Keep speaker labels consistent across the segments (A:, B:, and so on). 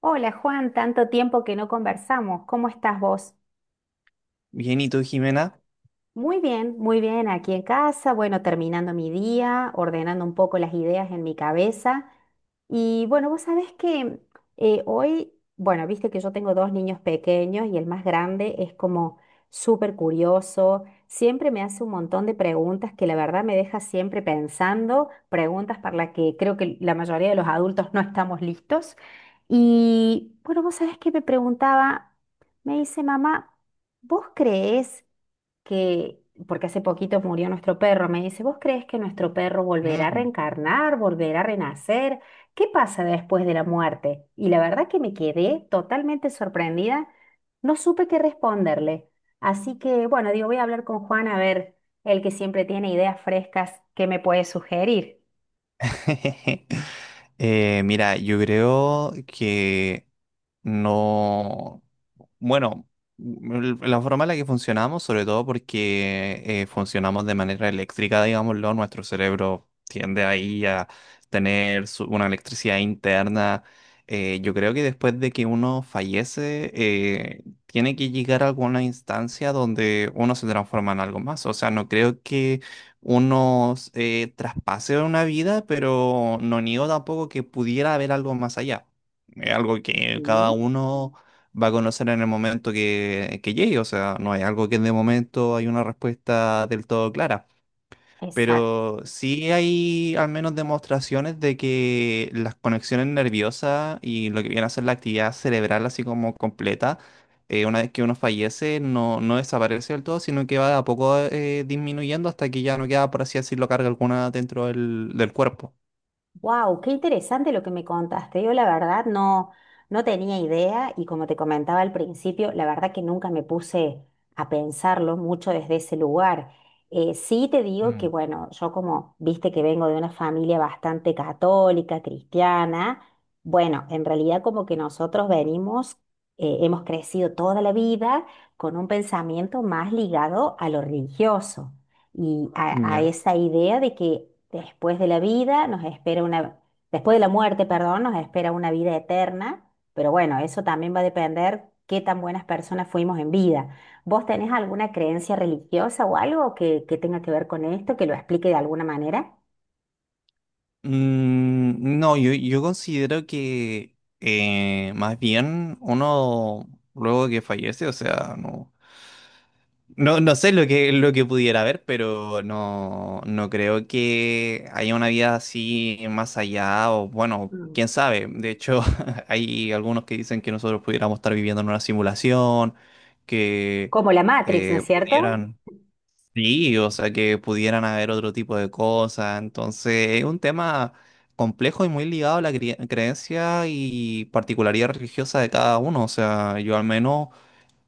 A: Hola Juan, tanto tiempo que no conversamos. ¿Cómo estás vos?
B: Bien, ¿y tú, Jimena?
A: Muy bien, aquí en casa, bueno, terminando mi día, ordenando un poco las ideas en mi cabeza. Y bueno, vos sabés que hoy, bueno, viste que yo tengo dos niños pequeños y el más grande es como súper curioso, siempre me hace un montón de preguntas que la verdad me deja siempre pensando, preguntas para las que creo que la mayoría de los adultos no estamos listos. Y bueno, vos sabés que me preguntaba, me dice, mamá, ¿vos creés? Que, porque hace poquito murió nuestro perro, me dice, ¿vos crees que nuestro perro volverá a reencarnar, volverá a renacer? ¿Qué pasa después de la muerte? Y la verdad que me quedé totalmente sorprendida, no supe qué responderle. Así que, bueno, digo, voy a hablar con Juan a ver, el que siempre tiene ideas frescas, ¿qué me puede sugerir?
B: Mira, yo creo que no... Bueno, la forma en la que funcionamos, sobre todo porque funcionamos de manera eléctrica, digámoslo, nuestro cerebro tiende ahí a tener una electricidad interna. Yo creo que después de que uno fallece, tiene que llegar a alguna instancia donde uno se transforma en algo más. O sea, no creo que unos traspases de una vida, pero no niego tampoco que pudiera haber algo más allá. Es algo que cada
A: Ujú.
B: uno va a conocer en el momento que llegue, o sea, no hay algo que de momento hay una respuesta del todo clara. Pero sí hay al menos demostraciones de que las conexiones nerviosas y lo que viene a ser la actividad cerebral así como completa, una vez que uno fallece, no desaparece del todo, sino que va de a poco disminuyendo hasta que ya no queda, por así decirlo, carga alguna dentro del cuerpo.
A: Wow, qué interesante lo que me contaste. Yo la verdad no, no tenía idea y como te comentaba al principio, la verdad que nunca me puse a pensarlo mucho desde ese lugar. Sí te digo que
B: Mm.
A: bueno, yo como viste que vengo de una familia bastante católica, cristiana, bueno, en realidad como que nosotros venimos, hemos crecido toda la vida con un pensamiento más ligado a lo religioso y a
B: Ya.
A: esa idea de que después de la vida nos espera una, después de la muerte, perdón, nos espera una vida eterna, pero bueno, eso también va a depender qué tan buenas personas fuimos en vida. ¿Vos tenés alguna creencia religiosa o algo que tenga que ver con esto, que lo explique de alguna manera?
B: Mm, no, yo considero que más bien uno luego que fallece, o sea, no. No, no sé lo que pudiera haber, pero no, no creo que haya una vida así más allá, o bueno,
A: Mm.
B: quién sabe. De hecho, hay algunos que dicen que nosotros pudiéramos estar viviendo en una simulación, que
A: Como la Matrix, ¿no
B: eh,
A: es cierto?
B: pudieran, sí, o sea, que pudieran haber otro tipo de cosas. Entonces, es un tema complejo y muy ligado a la creencia y particularidad religiosa de cada uno. O sea, yo al menos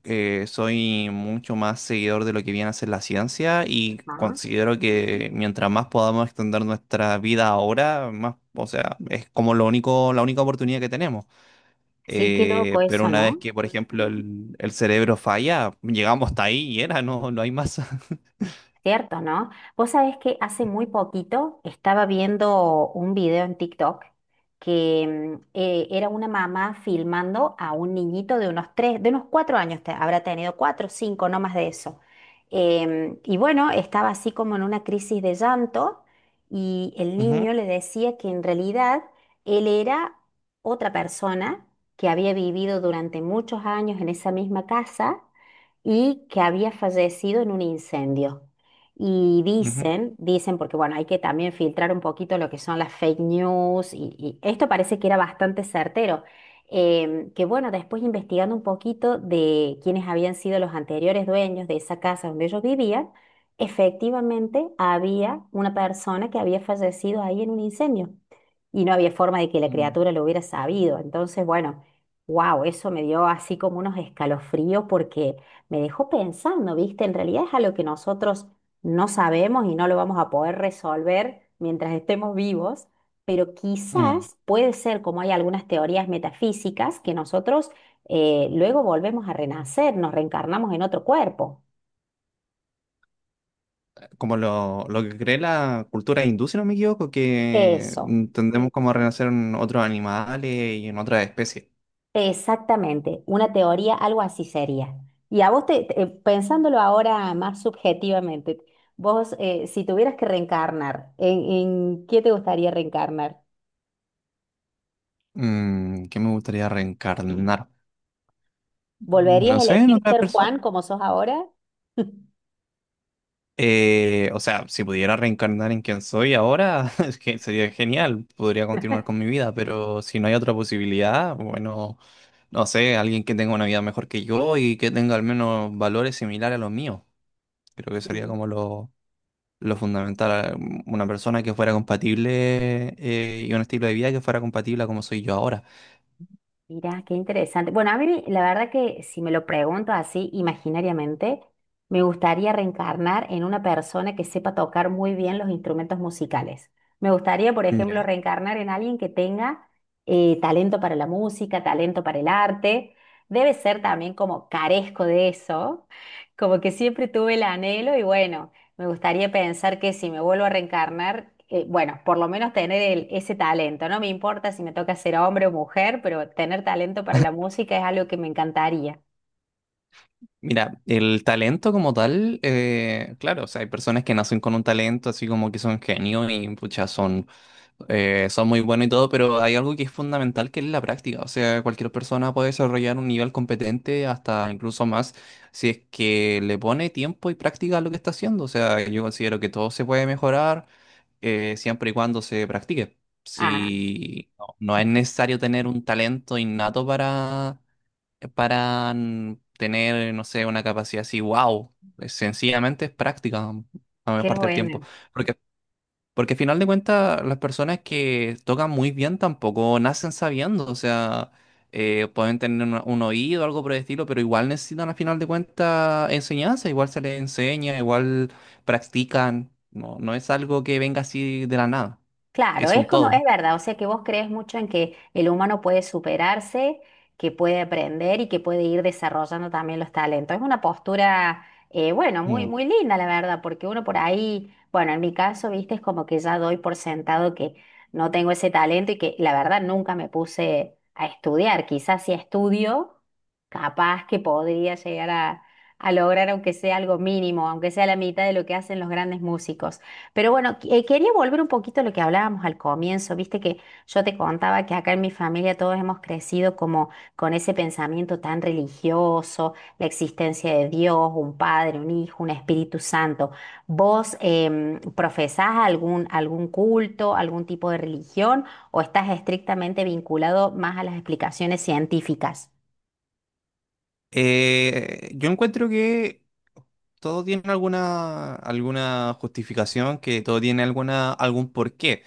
B: soy mucho más seguidor de lo que viene a ser la ciencia y
A: Ah,
B: considero que mientras más podamos extender nuestra vida ahora, más, o sea, es como lo único, la única oportunidad que tenemos.
A: sí, qué loco
B: Pero
A: eso,
B: una vez
A: ¿no?
B: que, por ejemplo, el cerebro falla, llegamos hasta ahí y era, no, no hay más.
A: Cierto, ¿no? Vos sabés que hace muy poquito estaba viendo un video en TikTok que era una mamá filmando a un niñito de unos tres, de unos cuatro años, habrá tenido cuatro, cinco, no más de eso. Y bueno, estaba así como en una crisis de llanto y el
B: Ujú,
A: niño le decía que en realidad él era otra persona que había vivido durante muchos años en esa misma casa y que había fallecido en un incendio. Y
B: ujú.
A: dicen, dicen, porque bueno, hay que también filtrar un poquito lo que son las fake news y esto parece que era bastante certero. Que bueno, después investigando un poquito de quiénes habían sido los anteriores dueños de esa casa donde ellos vivían, efectivamente había una persona que había fallecido ahí en un incendio y no había forma de que la
B: Mm.
A: criatura lo hubiera sabido. Entonces, bueno, wow, eso me dio así como unos escalofríos porque me dejó pensando, ¿viste? En realidad es a lo que nosotros no sabemos y no lo vamos a poder resolver mientras estemos vivos, pero
B: Mm,
A: quizás puede ser como hay algunas teorías metafísicas que nosotros luego volvemos a renacer, nos reencarnamos en otro cuerpo.
B: como lo que cree la cultura hindú, si no me equivoco, que
A: Eso,
B: mm, tendemos como a renacer en otros animales y en otras especies.
A: exactamente, una teoría, algo así sería. Y a vos, pensándolo ahora más subjetivamente, vos, si tuvieras que reencarnar, en qué te gustaría reencarnar?
B: Mm, ¿qué me gustaría reencarnar?
A: ¿Volverías
B: No
A: a
B: sé, en
A: elegir
B: otra
A: ser
B: persona.
A: Juan como sos ahora?
B: O sea, si pudiera reencarnar en quien soy ahora, es que sería genial, podría continuar con mi vida, pero si no hay otra posibilidad, bueno, no sé, alguien que tenga una vida mejor que yo y que tenga al menos valores similares a los míos. Creo que sería
A: Mm.
B: como lo fundamental, una persona que fuera compatible y un estilo de vida que fuera compatible a como soy yo ahora.
A: Mira, qué interesante. Bueno, a mí la verdad que si me lo pregunto así imaginariamente, me gustaría reencarnar en una persona que sepa tocar muy bien los instrumentos musicales. Me gustaría, por ejemplo,
B: Ya.
A: reencarnar en alguien que tenga talento para la música, talento para el arte. Debe ser también como carezco de eso, como que siempre tuve el anhelo y bueno. Me gustaría pensar que si me vuelvo a reencarnar, bueno, por lo menos tener ese talento. No me importa si me toca ser hombre o mujer, pero tener talento para la música es algo que me encantaría.
B: Mira, el talento como tal, claro, o sea, hay personas que nacen con un talento, así como que son genios y pucha, son, son muy buenos y todo, pero hay algo que es fundamental que es la práctica. O sea, cualquier persona puede desarrollar un nivel competente hasta incluso más si es que le pone tiempo y práctica a lo que está haciendo. O sea, yo considero que todo se puede mejorar siempre y cuando se practique.
A: Ah,
B: Si no no es necesario tener un talento innato para mm, tener, no sé, una capacidad así, wow, sencillamente es práctica mm, la mayor
A: qué
B: parte del tiempo.
A: bueno.
B: Porque, porque al final de cuentas, las personas que tocan muy bien tampoco nacen sabiendo, o sea, pueden tener un oído, algo por el estilo, pero igual necesitan al final de cuentas enseñanza, igual se les enseña, igual practican, no es algo que venga así de la nada,
A: Claro,
B: es
A: es
B: un
A: como, es
B: todo.
A: verdad, o sea que vos crees mucho en que el humano puede superarse, que puede aprender y que puede ir desarrollando también los talentos. Es una postura, bueno, muy,
B: Mm.
A: muy linda, la verdad, porque uno por ahí, bueno, en mi caso, viste, es como que ya doy por sentado que no tengo ese talento y que la verdad nunca me puse a estudiar. Quizás si estudio, capaz que podría llegar a lograr, aunque sea algo mínimo, aunque sea la mitad de lo que hacen los grandes músicos. Pero bueno, quería volver un poquito a lo que hablábamos al comienzo, viste que yo te contaba que acá en mi familia todos hemos crecido como con ese pensamiento tan religioso, la existencia de Dios, un padre, un hijo, un Espíritu Santo. ¿Vos profesás algún, algún culto, algún tipo de religión o estás estrictamente vinculado más a las explicaciones científicas?
B: Yo encuentro que todo tiene alguna, alguna justificación, que todo tiene alguna, algún porqué.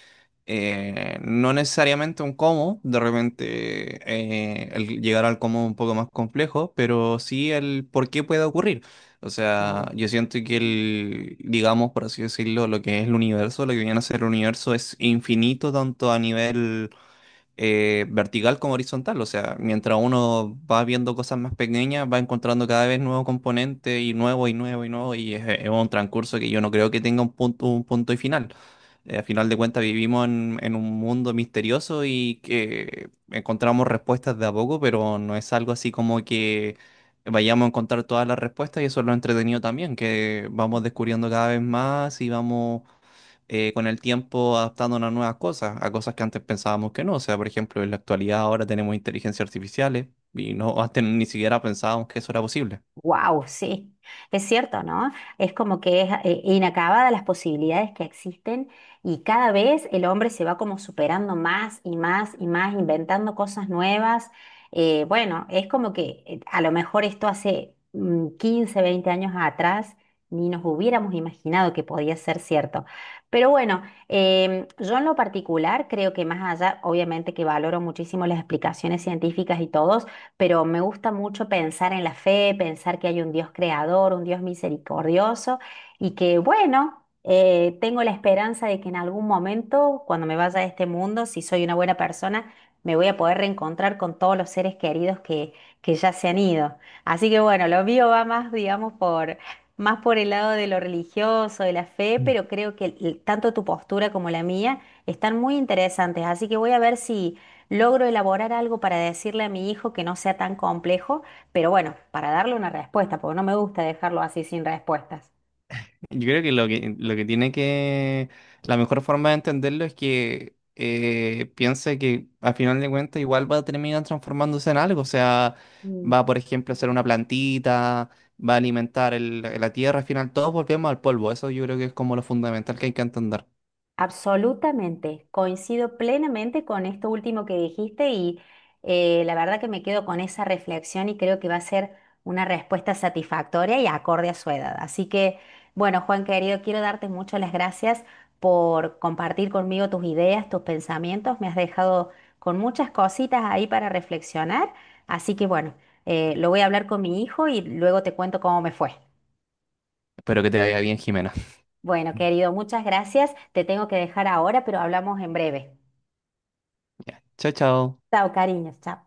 B: No necesariamente un cómo, de repente el llegar al cómo es un poco más complejo, pero sí el por qué puede ocurrir. O sea, yo siento que el, digamos, por así decirlo, lo que es el universo, lo que viene a ser el universo es infinito tanto a nivel vertical como horizontal. O sea, mientras uno va viendo cosas más pequeñas, va encontrando cada vez nuevos componentes y nuevo y nuevo y nuevo. Y es un transcurso que yo no creo que tenga un punto y final. A final de cuentas, vivimos en un mundo misterioso y que encontramos respuestas de a poco, pero no es algo así como que vayamos a encontrar todas las respuestas. Y eso es lo entretenido también, que vamos descubriendo cada vez más y vamos con el tiempo adaptándonos a nuevas cosas, a cosas que antes pensábamos que no. O sea, por ejemplo, en la actualidad ahora tenemos inteligencias artificiales y no antes ni siquiera pensábamos que eso era posible.
A: Wow, sí, es cierto, ¿no? Es como que es inacabada las posibilidades que existen y cada vez el hombre se va como superando más y más y más, inventando cosas nuevas. Bueno, es como que a lo mejor esto hace 15, 20 años atrás ni nos hubiéramos imaginado que podía ser cierto. Pero bueno, yo en lo particular creo que más allá, obviamente que valoro muchísimo las explicaciones científicas y todo, pero me gusta mucho pensar en la fe, pensar que hay un Dios creador, un Dios misericordioso y que, bueno, tengo la esperanza de que en algún momento, cuando me vaya de este mundo, si soy una buena persona, me voy a poder reencontrar con todos los seres queridos que ya se han ido. Así que, bueno, lo mío va más, digamos, por... Más por el lado de lo religioso, de la fe, pero creo que tanto tu postura como la mía están muy interesantes. Así que voy a ver si, logro elaborar algo para decirle a mi hijo que no sea tan complejo, pero bueno, para darle una respuesta, porque no me gusta dejarlo así sin respuestas.
B: Yo creo que lo que, lo que tiene que, la mejor forma de entenderlo es que piense que al final de cuentas igual va a terminar transformándose en algo. O sea, va, por ejemplo, a ser una plantita. Va a alimentar la tierra, al final todos volvemos al polvo. Eso yo creo que es como lo fundamental que hay que entender.
A: Absolutamente, coincido plenamente con esto último que dijiste y la verdad que me quedo con esa reflexión y creo que va a ser una respuesta satisfactoria y acorde a su edad. Así que, bueno, Juan querido, quiero darte muchas las gracias por compartir conmigo tus ideas, tus pensamientos. Me has dejado con muchas cositas ahí para reflexionar. Así que, bueno, lo voy a hablar con mi hijo y luego te cuento cómo me fue.
B: Espero que te vaya bien, Jimena.
A: Bueno, querido, muchas gracias. Te tengo que dejar ahora, pero hablamos en breve.
B: Ya. Chao, chao.
A: Chao, cariños, chao.